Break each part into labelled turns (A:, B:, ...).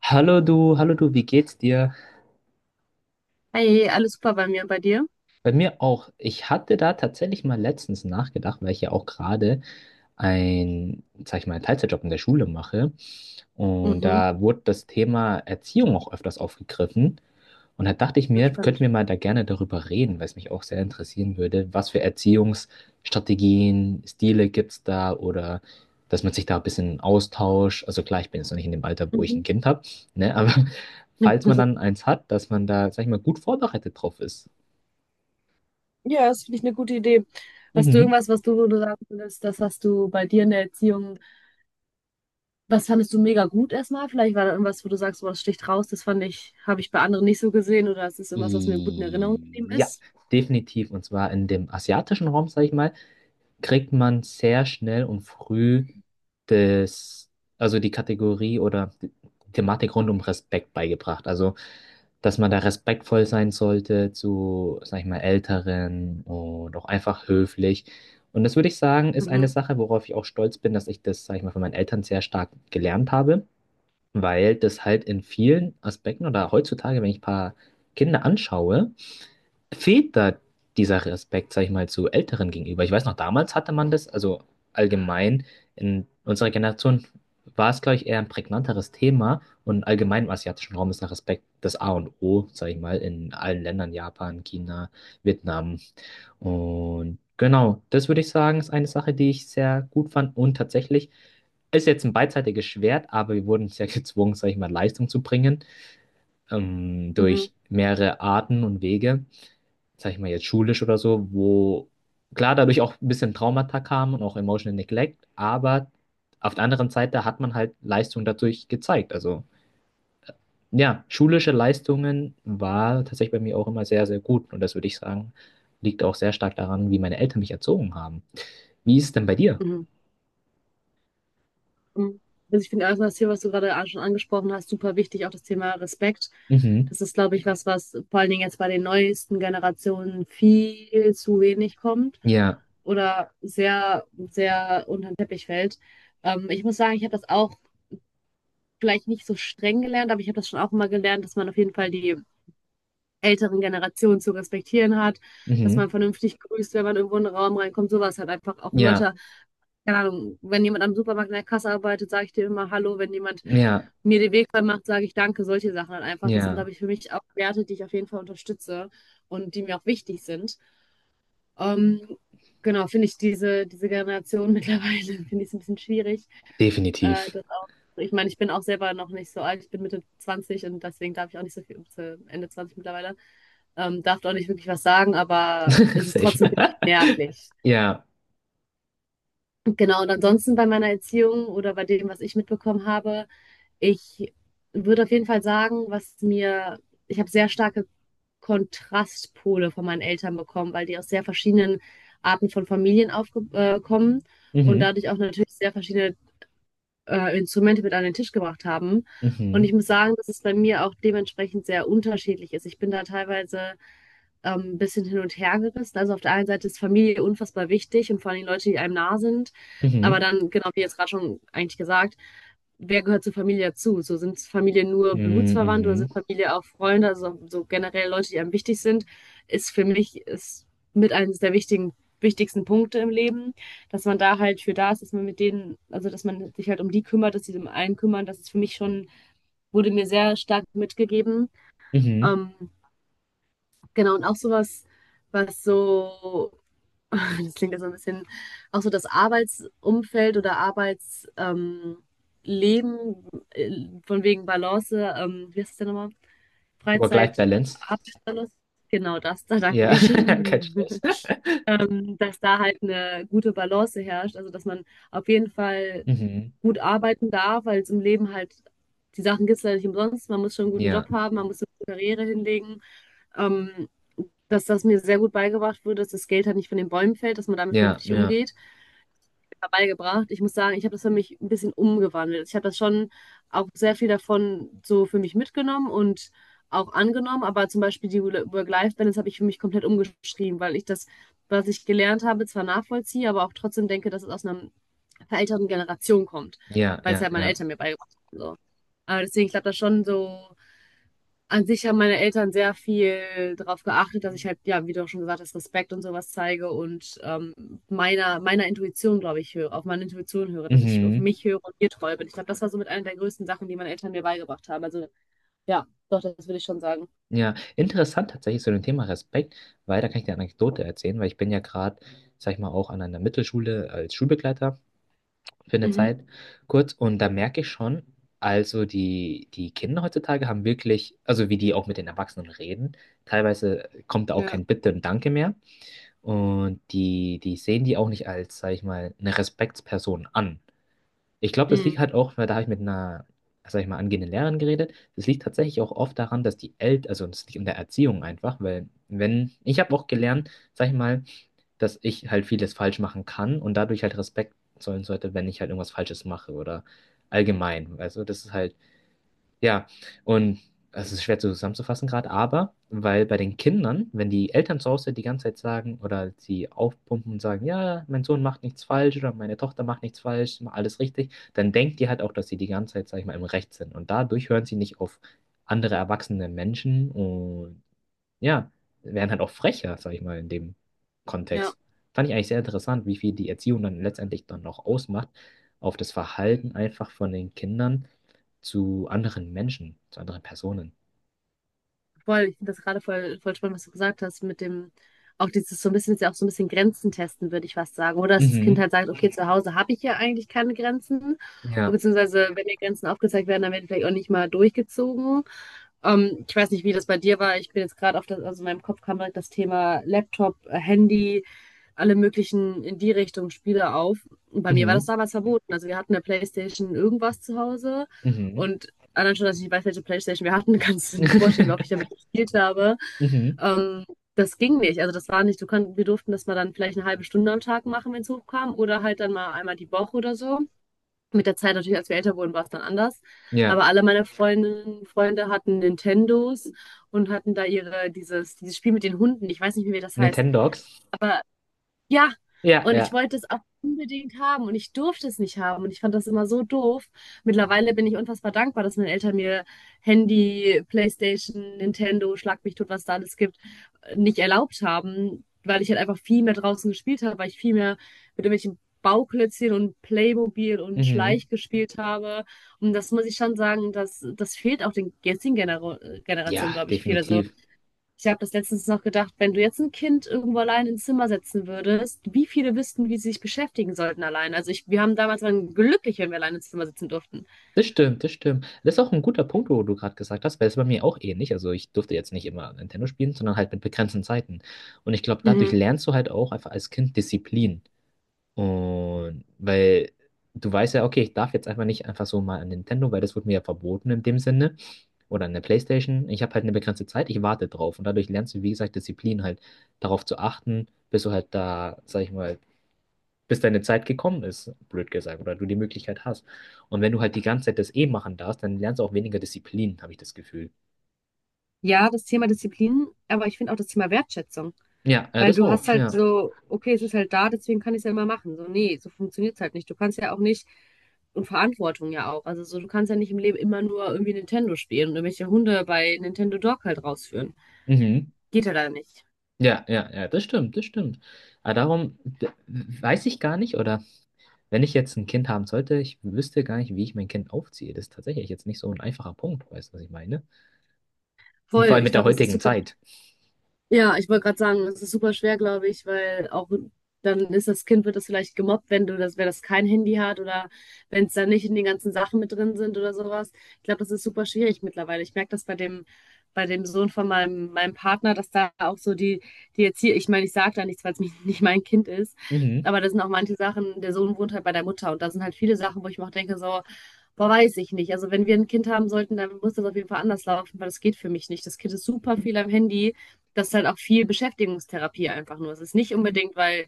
A: Hallo du, wie geht's dir?
B: Hey, alles super bei mir, bei dir?
A: Bei mir auch. Ich hatte da tatsächlich mal letztens nachgedacht, weil ich ja auch gerade ein, sag ich mal, einen Teilzeitjob in der Schule mache. Und
B: Mhm.
A: da wurde das Thema Erziehung auch öfters aufgegriffen. Und da dachte ich
B: Ja,
A: mir, könnten
B: spannend.
A: wir mal da gerne darüber reden, weil es mich auch sehr interessieren würde, was für Erziehungsstrategien, Stile gibt es da, oder dass man sich da ein bisschen austauscht. Also klar, ich bin jetzt noch nicht in dem Alter, wo ich ein
B: Mhm.
A: Kind habe, ne? Aber falls man dann eins hat, dass man da, sag ich mal, gut vorbereitet drauf ist.
B: Ja, das finde ich eine gute Idee. Hast du
A: Mhm.
B: irgendwas, wo du sagen würdest, das hast du bei dir in der Erziehung, was fandest du mega gut erstmal? Vielleicht war da irgendwas, wo du sagst, boah, das sticht raus, habe ich bei anderen nicht so gesehen oder es ist irgendwas, was mir gut in Erinnerung geblieben
A: I Ja,
B: ist?
A: definitiv. Und zwar in dem asiatischen Raum, sag ich mal, kriegt man sehr schnell und früh das, also die Kategorie oder die Thematik rund um Respekt beigebracht. Also, dass man da respektvoll sein sollte zu, sag ich mal, Älteren und auch einfach höflich. Und das würde ich sagen, ist eine
B: Mhm.
A: Sache, worauf ich auch stolz bin, dass ich das, sag ich mal, von meinen Eltern sehr stark gelernt habe, weil das halt in vielen Aspekten oder heutzutage, wenn ich ein paar Kinder anschaue, fehlt da dieser Respekt, sag ich mal, zu Älteren gegenüber. Ich weiß noch, damals hatte man das, also allgemein in unserer Generation war es, glaube ich, eher ein prägnanteres Thema, und allgemein im asiatischen Raum ist der Respekt das A und O, sag ich mal, in allen Ländern, Japan, China, Vietnam, und genau, das würde ich sagen, ist eine Sache, die ich sehr gut fand. Und tatsächlich ist jetzt ein beidseitiges Schwert, aber wir wurden sehr gezwungen, sag ich mal, Leistung zu bringen,
B: Mhm.
A: durch mehrere Arten und Wege, sag ich mal jetzt schulisch oder so, wo klar dadurch auch ein bisschen Traumata kamen und auch Emotional Neglect, aber auf der anderen Seite hat man halt Leistung dadurch gezeigt. Also ja, schulische Leistungen war tatsächlich bei mir auch immer sehr, sehr gut, und das würde ich sagen, liegt auch sehr stark daran, wie meine Eltern mich erzogen haben. Wie ist es denn bei dir?
B: Mhm. Mhm. Also ich finde erstmal das hier, was du gerade schon angesprochen hast, super wichtig, auch das Thema Respekt.
A: Mhm.
B: Das ist, glaube ich, was vor allen Dingen jetzt bei den neuesten Generationen viel zu wenig kommt
A: Ja,
B: oder sehr, sehr unter den Teppich fällt. Ich muss sagen, ich habe das auch vielleicht nicht so streng gelernt, aber ich habe das schon auch immer gelernt, dass man auf jeden Fall die älteren Generationen zu respektieren hat, dass man
A: mhm.
B: vernünftig grüßt, wenn man irgendwo in den Raum reinkommt, sowas halt einfach auch
A: Ja,
B: Leute, keine Ahnung, wenn jemand am Supermarkt in der Kasse arbeitet, sage ich dir immer Hallo. Wenn jemand
A: ja,
B: mir den Weg frei macht, sage ich Danke. Solche Sachen halt einfach. Das sind, glaube
A: ja,
B: ich, für mich auch Werte, die ich auf jeden Fall unterstütze und die mir auch wichtig sind. Ähm, genau, finde ich diese Generation mittlerweile, finde ich es ein bisschen schwierig.
A: definitiv.
B: Das auch, ich meine, ich bin auch selber noch nicht so alt. Ich bin Mitte 20 und deswegen darf ich auch nicht so viel, zu Ende 20 mittlerweile, darf auch nicht wirklich was sagen, aber es ist
A: Safe.
B: trotzdem merklich.
A: Ja,
B: Genau, und ansonsten bei meiner Erziehung oder bei dem, was ich mitbekommen habe, ich würde auf jeden Fall sagen, ich habe sehr starke Kontrastpole von meinen Eltern bekommen, weil die aus sehr verschiedenen Arten von Familien aufkommen kommen und
A: mhm,
B: dadurch auch natürlich sehr verschiedene Instrumente mit an den Tisch gebracht haben. Und
A: mhm,
B: ich muss sagen, dass es bei mir auch dementsprechend sehr unterschiedlich ist. Ich bin da teilweise bisschen hin und her gerissen. Also auf der einen Seite ist Familie unfassbar wichtig und vor allem Leute, die einem nah sind. Aber
A: mhm,
B: dann, genau wie jetzt gerade schon eigentlich gesagt, wer gehört zur Familie dazu? So sind Familie nur
A: mhm,
B: Blutsverwandt oder
A: mhm.
B: sind Familie auch Freunde, also so generell Leute, die einem wichtig sind, ist für mich ist mit eines der wichtigen wichtigsten Punkte im Leben, dass man da halt für da ist, dass man mit denen, also dass man sich halt um die kümmert, dass sie um einen kümmern, das ist für mich schon, wurde mir sehr stark mitgegeben.
A: Mhm.
B: Ähm, Genau, und auch sowas, was so, das klingt ja so ein bisschen, auch so das Arbeitsumfeld oder Arbeitsleben, Leben, von wegen Balance, wie heißt das denn nochmal? Freizeit,
A: Work-Life-Balance.
B: Arbeitsbalance, genau das da dann
A: Ja, kein
B: geschehen.
A: Stress.
B: Dass da halt eine gute Balance herrscht, also dass man auf jeden Fall
A: Mhm.
B: gut arbeiten darf, weil es im Leben halt, die Sachen gibt es leider nicht umsonst, man muss schon einen guten Job
A: Ja,
B: haben, man muss eine gute Karriere hinlegen. Ähm, Dass das mir sehr gut beigebracht wurde, dass das Geld halt nicht von den Bäumen fällt, dass man damit
A: ja,
B: vernünftig
A: ja,
B: umgeht. Beigebracht. Ich muss sagen, ich habe das für mich ein bisschen umgewandelt. Ich habe das schon auch sehr viel davon so für mich mitgenommen und auch angenommen, aber zum Beispiel die Work-Life-Balance habe ich für mich komplett umgeschrieben, weil ich das, was ich gelernt habe, zwar nachvollziehe, aber auch trotzdem denke, dass es aus einer verälterten Generation kommt,
A: ja,
B: weil es
A: ja,
B: halt meine
A: ja.
B: Eltern mir beigebracht haben. So. Aber deswegen, ich glaube, das schon so an sich haben meine Eltern sehr viel darauf geachtet, dass ich halt, ja, wie du auch schon gesagt hast, Respekt und sowas zeige und meiner Intuition, glaube ich, höre, auf meine Intuition höre, dass ich auf
A: Mhm.
B: mich höre und ihr treu bin. Ich glaube, das war so mit einer der größten Sachen, die meine Eltern mir beigebracht haben. Also ja, doch, das würde ich schon sagen.
A: Ja, interessant tatsächlich zu dem Thema Respekt, weil da kann ich dir eine Anekdote erzählen. Weil ich bin ja gerade, sag ich mal, auch an einer Mittelschule als Schulbegleiter für eine
B: Mhm.
A: Zeit kurz, und da merke ich schon, also die Kinder heutzutage haben wirklich, also wie die auch mit den Erwachsenen reden, teilweise kommt da auch
B: Ja.
A: kein Bitte und Danke mehr. Und die, die sehen die auch nicht als, sag ich mal, eine Respektsperson an. Ich glaube, das liegt
B: Mhm.
A: halt auch, weil da habe ich mit einer, sag ich mal, angehenden Lehrerin geredet. Das liegt tatsächlich auch oft daran, dass die Eltern, also das liegt in der Erziehung einfach, weil wenn, ich habe auch gelernt, sag ich mal, dass ich halt vieles falsch machen kann und dadurch halt Respekt zollen sollte, wenn ich halt irgendwas Falsches mache oder allgemein. Also das ist halt ja, und es ist schwer zusammenzufassen gerade, aber weil bei den Kindern, wenn die Eltern zu Hause die ganze Zeit sagen oder sie aufpumpen und sagen, ja, mein Sohn macht nichts falsch oder meine Tochter macht nichts falsch, macht alles richtig, dann denkt die halt auch, dass sie die ganze Zeit, sag ich mal, im Recht sind. Und dadurch hören sie nicht auf andere erwachsene Menschen, und ja, werden halt auch frecher, sag ich mal, in dem
B: Ja.
A: Kontext. Fand ich eigentlich sehr interessant, wie viel die Erziehung dann letztendlich dann noch ausmacht auf das Verhalten einfach von den Kindern zu anderen Menschen, zu anderen Personen.
B: Voll, ich finde das gerade voll, voll spannend, was du gesagt hast, mit dem, auch dieses so ein bisschen, ist ja auch so ein bisschen Grenzen testen, würde ich fast sagen. Oder dass das Kind
A: Mhm.
B: halt sagt, okay, zu Hause habe ich ja eigentlich keine Grenzen. Und
A: Ja.
B: beziehungsweise, wenn mir Grenzen aufgezeigt werden, dann werden die vielleicht auch nicht mal durchgezogen. Ich weiß nicht, wie das bei dir war. Ich bin jetzt gerade auf das, also in meinem Kopf kam direkt das Thema Laptop, Handy, alle möglichen in die Richtung Spiele auf. Und bei mir war das
A: Mhm.
B: damals verboten. Also wir hatten eine Playstation irgendwas zu Hause,
A: Mhm.
B: und allein schon, dass ich nicht weiß, welche Playstation wir hatten, kannst du dir vorstellen, wie oft ich damit gespielt habe.
A: Mhm.
B: Ähm, Das ging nicht. Also das war nicht, du kannst. Wir durften das mal dann vielleicht eine halbe Stunde am Tag machen, wenn es hochkam, oder halt dann mal einmal die Woche oder so. Mit der Zeit natürlich, als wir älter wurden, war es dann anders.
A: Ja.
B: Aber alle meine Freundinnen, Freunde hatten Nintendos und hatten da ihre, dieses Spiel mit den Hunden. Ich weiß nicht, wie das heißt.
A: Nintendogs.
B: Ja,
A: Ja,
B: und ich
A: ja.
B: wollte es auch unbedingt haben und ich durfte es nicht haben und ich fand das immer so doof. Mittlerweile bin ich unfassbar dankbar, dass meine Eltern mir Handy, PlayStation, Nintendo, schlag mich tot, was da alles gibt, nicht erlaubt haben, weil ich halt einfach viel mehr draußen gespielt habe, weil ich viel mehr mit irgendwelchen Bauklötzchen und Playmobil und
A: Mhm.
B: Schleich gespielt habe. Und das muss ich schon sagen, dass das fehlt auch den jetzigen Generationen,
A: Ja,
B: glaube ich, viel. Also
A: definitiv.
B: ich habe das letztens noch gedacht, wenn du jetzt ein Kind irgendwo allein ins Zimmer setzen würdest, wie viele wüssten, wie sie sich beschäftigen sollten allein? Also ich, wir haben damals waren glücklich, wenn wir allein ins Zimmer sitzen durften.
A: Das stimmt, das stimmt. Das ist auch ein guter Punkt, wo du gerade gesagt hast, weil es bei mir auch ähnlich. Also ich durfte jetzt nicht immer Nintendo spielen, sondern halt mit begrenzten Zeiten. Und ich glaube, dadurch
B: Mhm.
A: lernst du halt auch einfach als Kind Disziplin. Und weil du weißt ja, okay, ich darf jetzt einfach nicht einfach so mal an Nintendo, weil das wurde mir ja verboten in dem Sinne. Oder an der PlayStation. Ich habe halt eine begrenzte Zeit, ich warte drauf. Und dadurch lernst du, wie gesagt, Disziplin halt darauf zu achten, bis du halt da, sag ich mal, bis deine Zeit gekommen ist, blöd gesagt, oder du die Möglichkeit hast. Und wenn du halt die ganze Zeit das eh machen darfst, dann lernst du auch weniger Disziplin, habe ich das Gefühl.
B: Ja, das Thema Disziplin, aber ich finde auch das Thema Wertschätzung.
A: Ja,
B: Weil
A: das
B: du
A: auch,
B: hast halt
A: ja.
B: so, okay, es ist halt da, deswegen kann ich es ja immer machen. So, nee, so funktioniert es halt nicht. Du kannst ja auch nicht, und Verantwortung ja auch. Also so, du kannst ja nicht im Leben immer nur irgendwie Nintendo spielen und irgendwelche Hunde bei Nintendo Dog halt rausführen.
A: Mhm.
B: Geht ja da nicht.
A: Ja, ja, ja, das stimmt, das stimmt. Aber darum weiß ich gar nicht, oder wenn ich jetzt ein Kind haben sollte, ich wüsste gar nicht, wie ich mein Kind aufziehe. Das ist tatsächlich jetzt nicht so ein einfacher Punkt, weißt du, was ich meine? Und
B: Voll,
A: vor allem
B: ich
A: mit der
B: glaube, das ist
A: heutigen
B: super.
A: Zeit.
B: Ja, ich wollte gerade sagen, das ist super schwer, glaube ich, weil auch dann ist das Kind, wird das vielleicht gemobbt, wenn du das, wenn das kein Handy hat oder wenn es da nicht in den ganzen Sachen mit drin sind oder sowas. Ich glaube, das ist super schwierig mittlerweile. Ich merke das bei dem, Sohn von meinem Partner, dass da auch so die Erziehung, ich meine, ich sage da nichts, weil es nicht mein Kind ist,
A: Mhm,
B: aber das sind auch manche Sachen, der Sohn wohnt halt bei der Mutter und da sind halt viele Sachen, wo ich mir auch denke, so, boah, weiß ich nicht. Also wenn wir ein Kind haben sollten, dann muss das auf jeden Fall anders laufen, weil das geht für mich nicht. Das Kind ist super viel am Handy, das ist halt auch viel Beschäftigungstherapie einfach nur. Es ist nicht unbedingt, weil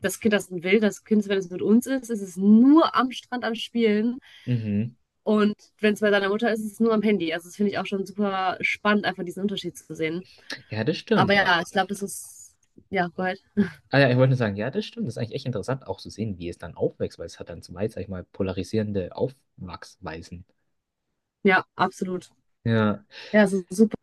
B: das Kind das will, das Kind, wenn es mit uns ist, ist es nur am Strand am Spielen.
A: mhm.
B: Und wenn es bei seiner Mutter ist, ist es nur am Handy. Also das finde ich auch schon super spannend, einfach diesen Unterschied zu sehen.
A: Ja, das
B: Aber
A: stimmt. Ah,
B: ja, ich glaube, das ist, ja, gut.
A: ah ja, ich wollte nur sagen, ja, das stimmt. Das ist eigentlich echt interessant, auch zu sehen, wie es dann aufwächst, weil es hat dann zwei, sag ich mal, polarisierende Aufwachsweisen.
B: Ja, absolut.
A: Ja,
B: Ja, es ist super,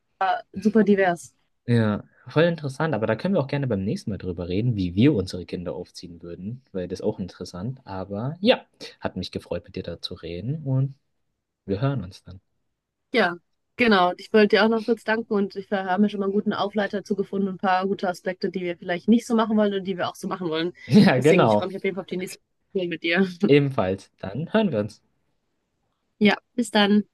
B: super divers.
A: ja, voll interessant. Aber da können wir auch gerne beim nächsten Mal drüber reden, wie wir unsere Kinder aufziehen würden, weil das ist auch interessant. Aber ja, hat mich gefreut, mit dir da zu reden, und wir hören uns dann.
B: Ja, genau. Ich wollte dir auch noch kurz danken und ich wir haben mir schon mal einen guten Aufleiter dazu gefunden, und ein paar gute Aspekte, die wir vielleicht nicht so machen wollen und die wir auch so machen wollen.
A: Ja,
B: Deswegen, ich
A: genau.
B: freue mich auf jeden Fall auf die nächste Folge mit dir.
A: Ebenfalls. Dann hören wir uns.
B: Ja, bis dann.